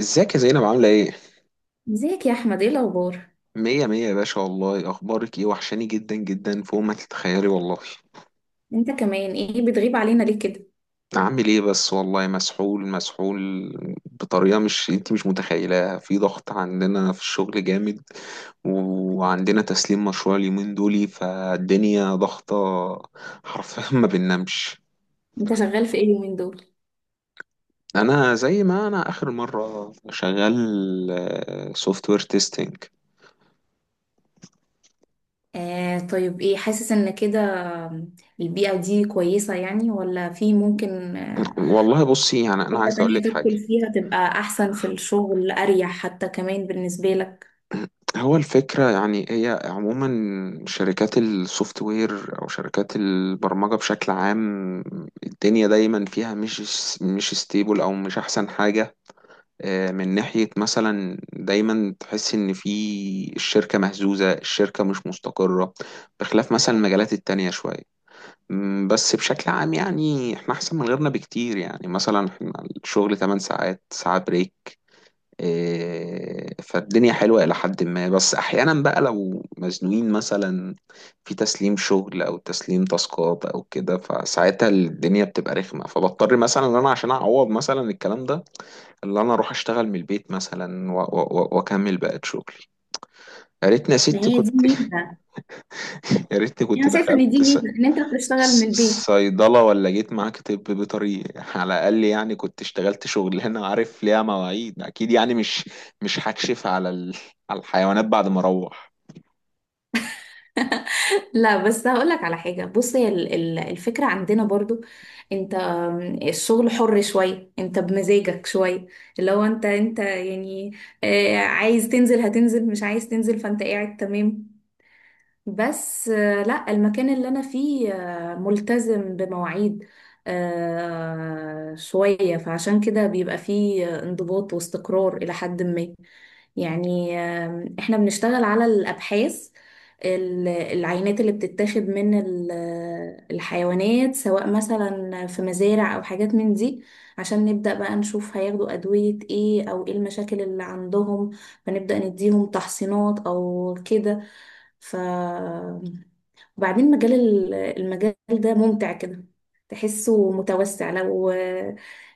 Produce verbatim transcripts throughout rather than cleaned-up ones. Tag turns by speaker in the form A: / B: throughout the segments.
A: ازيك يا زينب، عاملة ايه؟
B: ازيك يا احمد، ايه الاخبار؟
A: مية مية يا باشا، والله اخبارك ايه؟ وحشاني جدا جدا فوق ما تتخيلي والله.
B: انت كمان ايه بتغيب علينا ليه كده؟
A: عامل ايه بس، والله مسحول مسحول بطريقة مش انت مش متخيلاها. في ضغط عندنا في الشغل جامد، وعندنا تسليم مشروع اليومين دولي، فالدنيا ضغطة، حرفيا ما بننامش.
B: انت شغال في ايه اليومين دول؟
A: انا زي ما انا اخر مرة شغال سوفت وير تيستنج.
B: آه طيب، ايه حاسس ان كده البيئة دي كويسة يعني ولا في ممكن آه،
A: والله بصي، يعني انا عايز
B: حتة
A: اقول
B: تانية
A: لك
B: تدخل
A: حاجة.
B: فيها تبقى احسن في الشغل، اريح حتى كمان بالنسبة لك؟
A: هو الفكرة يعني هي عموما شركات السوفت وير أو شركات البرمجة بشكل عام، الدنيا دايما فيها مش مش ستيبل أو مش أحسن حاجة. آه، من ناحية مثلا دايما تحس إن في الشركة مهزوزة، الشركة مش مستقرة بخلاف مثلا المجالات التانية شوية. مم، بس بشكل عام يعني احنا أحسن من غيرنا بكتير، يعني مثلا احنا الشغل ثماني ساعات ساعة بريك. إيه، فالدنيا حلوة إلى حد ما، بس أحيانا بقى لو مزنوقين مثلا في تسليم شغل أو تسليم تاسكات أو كده، فساعتها الدنيا بتبقى رخمة، فبضطر مثلا إن أنا عشان أعوض مثلا الكلام ده اللي أنا أروح أشتغل من البيت مثلا و- و- و- وأكمل بقى شغلي. يا ريتني يا
B: ما
A: ستي
B: هي دي
A: كنت
B: ميزة.
A: يا ريتني كنت
B: يعني انا شايفة ان
A: دخلت
B: دي ميزة ان انت بتشتغل من
A: ص-
B: البيت.
A: صيدلة، ولا جيت معاك طب بيطري على الأقل، يعني كنت اشتغلت شغلانة عارف ليها مواعيد أكيد، يعني مش مش هكشف على ال... على الحيوانات بعد ما أروح.
B: لا بس هقولك على حاجة، بص، هي ال- ال- الفكرة عندنا برضو انت الشغل حر شوية، انت بمزاجك شوية، اللي هو انت انت يعني آه، عايز تنزل هتنزل، مش عايز تنزل فانت قاعد تمام. بس آه، لا، المكان اللي انا فيه آه، ملتزم بمواعيد آه، شوية، فعشان كده بيبقى فيه انضباط واستقرار إلى حد ما. يعني آم، احنا بنشتغل على الأبحاث، ال- العينات اللي بتتاخد من ال- الحيوانات سواء مثلا في مزارع أو حاجات من دي، عشان نبدأ بقى نشوف هياخدوا أدوية ايه أو ايه المشاكل اللي عندهم، فنبدأ نديهم تحصينات أو كده. ف وبعدين مجال ال- المجال ده ممتع كده، تحسه متوسع. لو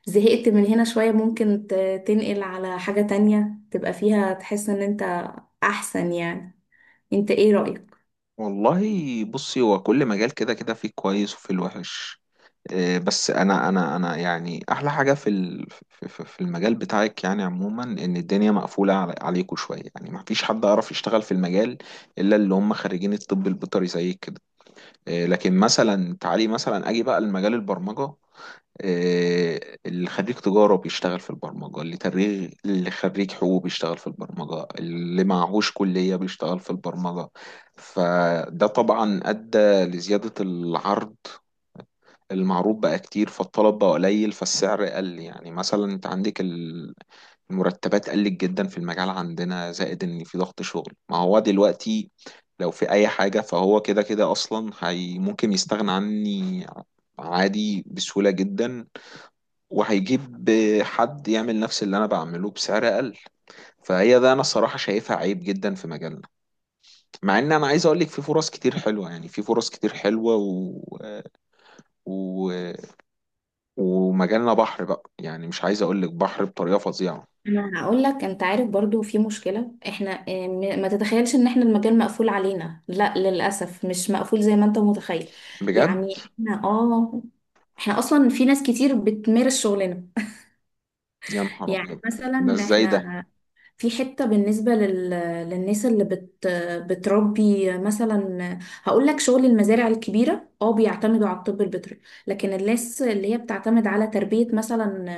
B: زهقت من هنا شوية ممكن ت- تنقل على حاجة تانية تبقى فيها تحس ان انت احسن يعني. انت ايه رأيك؟
A: والله بصي، هو كل مجال كده كده فيه كويس وفيه الوحش. إيه، بس أنا أنا أنا يعني أحلى حاجة في ال... في في- في المجال بتاعك يعني عموما إن الدنيا مقفولة على... عليكوا شوية، يعني مفيش حد يعرف يشتغل في المجال إلا اللي هم خريجين الطب البيطري زيك كده. آه، لكن مثلا تعالي مثلا اجي بقى لمجال البرمجه. آه، اللي خريج تجاره بيشتغل في البرمجه، اللي تريغ، اللي خريج حقوق بيشتغل في البرمجه، اللي معهوش كليه بيشتغل في البرمجه. فده طبعا ادى لزياده العرض، المعروض بقى كتير فالطلب بقى قليل فالسعر قل. يعني مثلا انت عندك ال- المرتبات قلت جدا في المجال عندنا، زائد ان في ضغط شغل. ما هو دلوقتي لو في اي حاجة فهو كده كده اصلا هي ممكن يستغنى عني عادي بسهولة جدا، وهيجيب حد يعمل نفس اللي انا بعمله بسعر اقل. فهي ده انا الصراحة شايفها عيب جدا في مجالنا. مع ان انا عايز اقول لك في فرص كتير حلوة، يعني في فرص كتير حلوة و... و... ومجالنا بحر بقى، يعني مش عايز اقول لك بحر بطريقة فظيعة.
B: انا هقول لك، انت عارف برضو في مشكلة احنا اه، م- ما تتخيلش ان احنا المجال مقفول علينا. لا للأسف مش مقفول زي ما انت متخيل.
A: بجد،
B: يعني احنا اه، احنا اصلا في ناس كتير بتمارس شغلنا.
A: يا نهار
B: يعني
A: ابيض، ده
B: مثلا
A: ازاي ده؟
B: احنا في حتة بالنسبة لل... للناس اللي بت... بتربي مثلا. هقول لك، شغل المزارع الكبيرة اه بيعتمدوا على الطب البيطري، لكن الناس اللي هي بتعتمد على تربية مثلا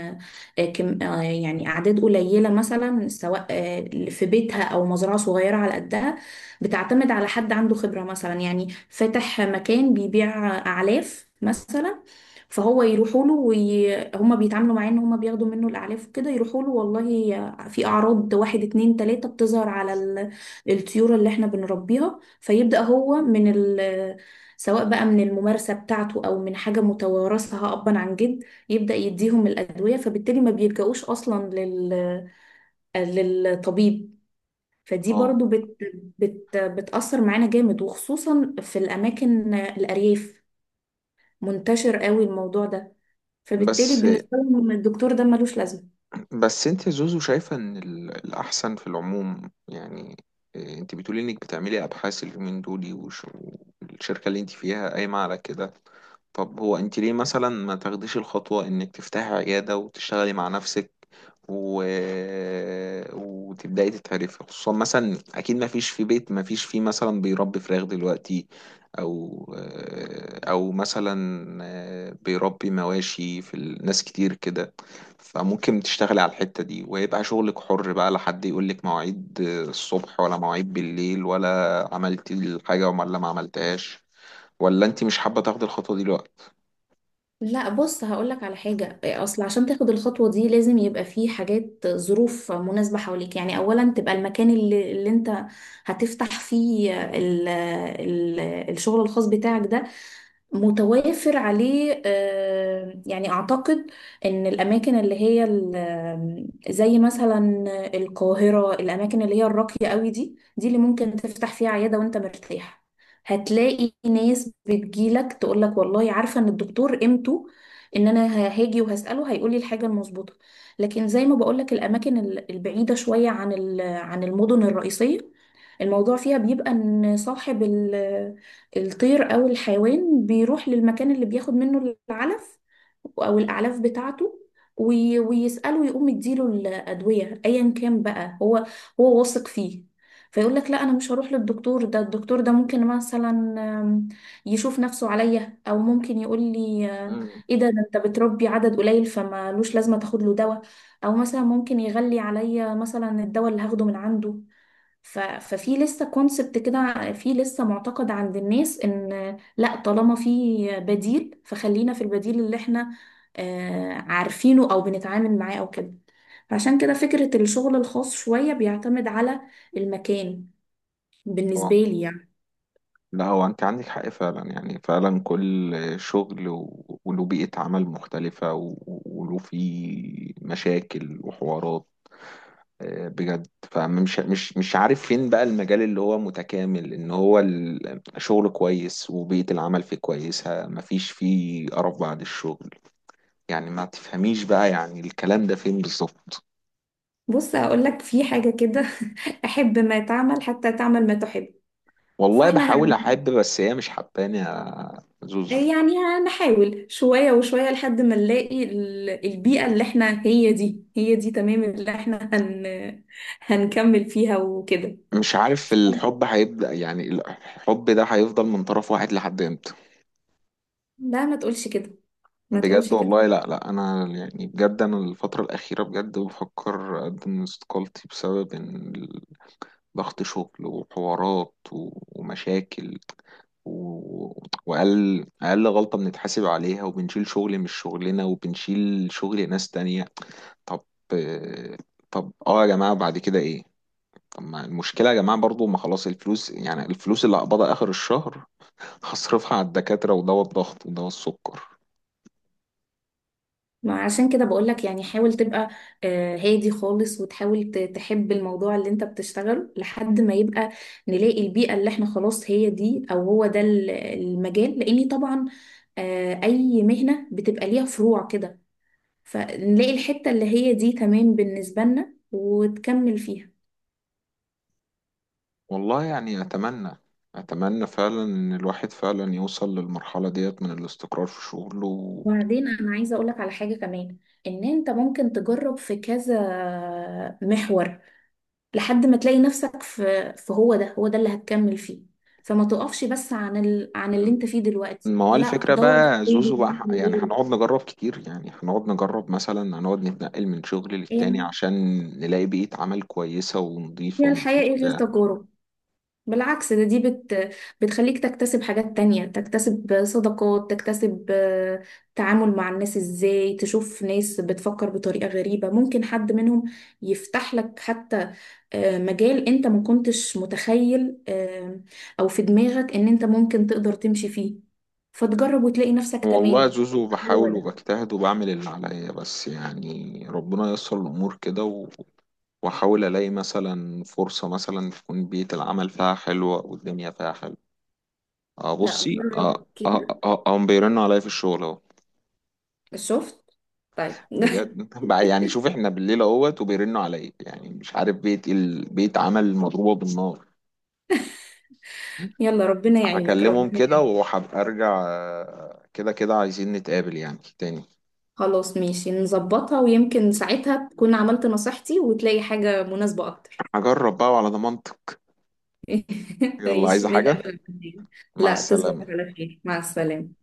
B: آه، كم... آه، يعني أعداد قليلة مثلا، سواء آه، في بيتها أو مزرعة صغيرة على قدها، بتعتمد على حد عنده خبرة مثلا، يعني فاتح مكان بيبيع أعلاف مثلا، فهو يروحوا له وي... هما بيتعاملوا معاه ان هما بياخدوا منه الاعلاف وكده. يروحوا له والله في أعراض واحد اتنين تلاتة بتظهر على ال- الطيور اللي احنا بنربيها، فيبدأ هو من ال سواء بقى من الممارسة بتاعته أو من حاجة متوارثة أبا عن جد، يبدأ يديهم الأدوية، فبالتالي ما بيلجأوش أصلا لل... للطبيب. فدي
A: اه
B: برضو بت... بت... بتأثر معانا جامد، وخصوصا في الأماكن الأرياف منتشر قوي الموضوع ده، فبالتالي
A: بس
B: بالنسبة لهم الدكتور ده ملوش لازمة.
A: بس انت يا زوزو شايفة ان ال- الاحسن في العموم يعني. إيه، انت بتقولي انك بتعملي ابحاث اليومين دول وش- والشركة اللي انت فيها قايمة على كده. طب هو انت ليه مثلا ما تاخديش الخطوة انك تفتحي عيادة وتشتغلي مع نفسك، و... وتبدأي تتعرفي، خصوصا مثلا اكيد ما فيش في بيت ما فيش فيه مثلا بيربي فراخ دلوقتي، او او مثلا بيربي مواشي في ال- ناس كتير كده. فممكن تشتغلي على الحتة دي، ويبقى شغلك حر بقى، لا حد يقولك مواعيد الصبح ولا مواعيد بالليل، ولا عملتي الحاجة ولا ما عملتهاش. ولا انت مش حابة تاخدي الخطوة دي دلوقتي؟
B: لا بص هقولك على حاجة، أصل عشان تاخد الخطوة دي لازم يبقى فيه حاجات ظروف مناسبة حواليك. يعني أولا تبقى المكان اللي, اللي أنت هتفتح فيه ال ال الشغل الخاص بتاعك ده متوافر عليه آه، يعني أعتقد إن الأماكن اللي هي ال- زي مثلا القاهرة، الأماكن اللي هي الراقية قوي، دي دي اللي ممكن تفتح فيها عيادة وأنت مرتاح. هتلاقي ناس بتجيلك تقولك والله عارفة إن الدكتور قيمته، إن أنا ه- هاجي وهسأله هيقولي الحاجة المظبوطة. لكن زي ما بقولك الأماكن ال- البعيدة شوية عن ال- عن المدن الرئيسية، الموضوع فيها بيبقى إن صاحب ال الطير أو الحيوان بيروح للمكان اللي بياخد منه العلف أو الأعلاف بتاعته، وي- ويسأله ويقوم يديله الأدوية أيا كان بقى هو هو واثق فيه. فيقول لك لا، أنا مش هروح للدكتور ده، الدكتور ده ممكن مثلا آم، يشوف نفسه عليا، أو ممكن يقول لي آه،
A: مم.
B: إيه ده، ده أنت بتربي عدد قليل فمالوش لازمة تاخد له دواء، أو مثلا ممكن يغلي عليا مثلا الدواء اللي هاخده من عنده. ف... ففي لسه كونسبت كده، في لسه معتقد عند الناس ان لا طالما في بديل فخلينا في البديل اللي احنا آه، عارفينه او بنتعامل معاه او كده. فعشان كده فكرة الشغل الخاص شوية بيعتمد على المكان، بالنسبة
A: اه،
B: لي يعني.
A: لا هو انت عندك حق فعلا، يعني فعلا كل شغل و- وله بيئة عمل مختلفة، و- وله فيه مشاكل وحوارات. آه، بجد، فمش مش مش عارف فين بقى المجال اللي هو متكامل، ان هو ال- شغل كويس وبيئة العمل فيه كويسة، مفيش فيه قرف بعد الشغل. يعني ما تفهميش بقى يعني الكلام ده فين بالظبط.
B: بص هقول لك في حاجة كده، احب ما تعمل حتى تعمل ما تحب.
A: والله
B: فاحنا
A: بحاول احب، بس هي مش حباني يا زوزو.
B: يعني هنحاول شوية وشوية لحد ما نلاقي ال- البيئة اللي احنا هي دي هي دي تمام اللي احنا هن هنكمل فيها وكده.
A: مش عارف الحب هيبدأ، يعني الحب ده هيفضل من طرف واحد لحد امتى؟
B: لا ما تقولش كده، ما
A: بجد
B: تقولش كده.
A: والله، لا لا، انا يعني بجد انا الفترة الأخيرة بجد بفكر اقدم استقالتي بسبب ان ضغط شغل وحوارات و- ومشاكل، و... وأقل أقل غلطة بنتحاسب عليها، وبنشيل شغل مش شغلنا وبنشيل شغل ناس تانية. طب طب اه يا جماعة بعد كده ايه؟ طب ما المشكلة يا جماعة برضو، ما خلاص الفلوس، يعني الفلوس اللي هقبضها آخر الشهر هصرفها على الدكاترة ودواء الضغط ودواء السكر.
B: ما عشان كده بقولك، يعني حاول تبقى آه، هادي خالص، وتحاول ت- تحب الموضوع اللي انت بتشتغله لحد ما يبقى نلاقي البيئة اللي احنا خلاص هي دي، او هو ده ال- المجال. لاني طبعا آه، اي مهنة بتبقى ليها فروع كده، فنلاقي الحتة اللي هي دي تمام بالنسبة لنا وتكمل فيها.
A: والله يعني أتمنى أتمنى فعلا إن الواحد فعلا يوصل للمرحلة ديت من الاستقرار في شغله.
B: وبعدين انا عايزة اقولك على حاجة كمان، ان انت ممكن تجرب في كذا محور لحد ما تلاقي نفسك في في هو ده، هو ده اللي هتكمل فيه. فما تقفش بس عن ال... عن اللي
A: مم.
B: انت فيه دلوقتي،
A: ما هو
B: لا
A: الفكرة
B: دور في
A: بقى
B: غيره،
A: زوزو
B: دور
A: بقى،
B: في
A: يعني
B: غيره.
A: هنقعد نجرب كتير، يعني هنقعد نجرب مثلا، هنقعد نتنقل من شغل للتاني
B: يعني
A: عشان نلاقي بيئة عمل كويسة ونظيفة
B: هي الحياة
A: ومفيش
B: ايه غير
A: بتاع.
B: تجارب؟ بالعكس، ده دي بت بتخليك تكتسب حاجات تانية، تكتسب صداقات، تكتسب آه، تعامل مع الناس ازاي، تشوف ناس بتفكر بطريقة غريبة، ممكن حد منهم يفتح لك حتى آه، مجال انت ما كنتش متخيل آه، او في دماغك ان انت ممكن تقدر تمشي فيه، فتجرب وتلاقي نفسك
A: والله
B: تمام.
A: زوزو
B: هو
A: بحاول
B: ده.
A: وبجتهد وبعمل اللي عليا، بس يعني ربنا ييسر الأمور كده. واحاول الاقي مثلا فرصه مثلا تكون بيئه العمل فيها حلوه والدنيا فيها حلوه. اه
B: لا
A: بصي، اه
B: جرب
A: اه
B: كده،
A: اه آه، هم بيرنوا عليا في الشغل اهو.
B: شفت؟ طيب
A: بجد بقى، يعني شوف احنا بالليل اهوت وبيرنوا عليا، يعني مش عارف بيت ال... بيت عمل مضروبه بالنار.
B: يلا ربنا يعينك،
A: هكلمهم
B: ربنا
A: كده
B: يعينك.
A: وهبقى ارجع. آه، كده كده عايزين نتقابل يعني تاني.
B: خلاص ماشي، نظبطها، ويمكن ساعتها تكون عملت نصيحتي وتلاقي حاجة مناسبة أكتر.
A: هجرب بقى على ضمانتك. يلا، عايزه
B: ماشي،
A: حاجه؟
B: نتقابل بعدين.
A: مع
B: لا تصبح
A: السلامه.
B: على خير، مع السلامة.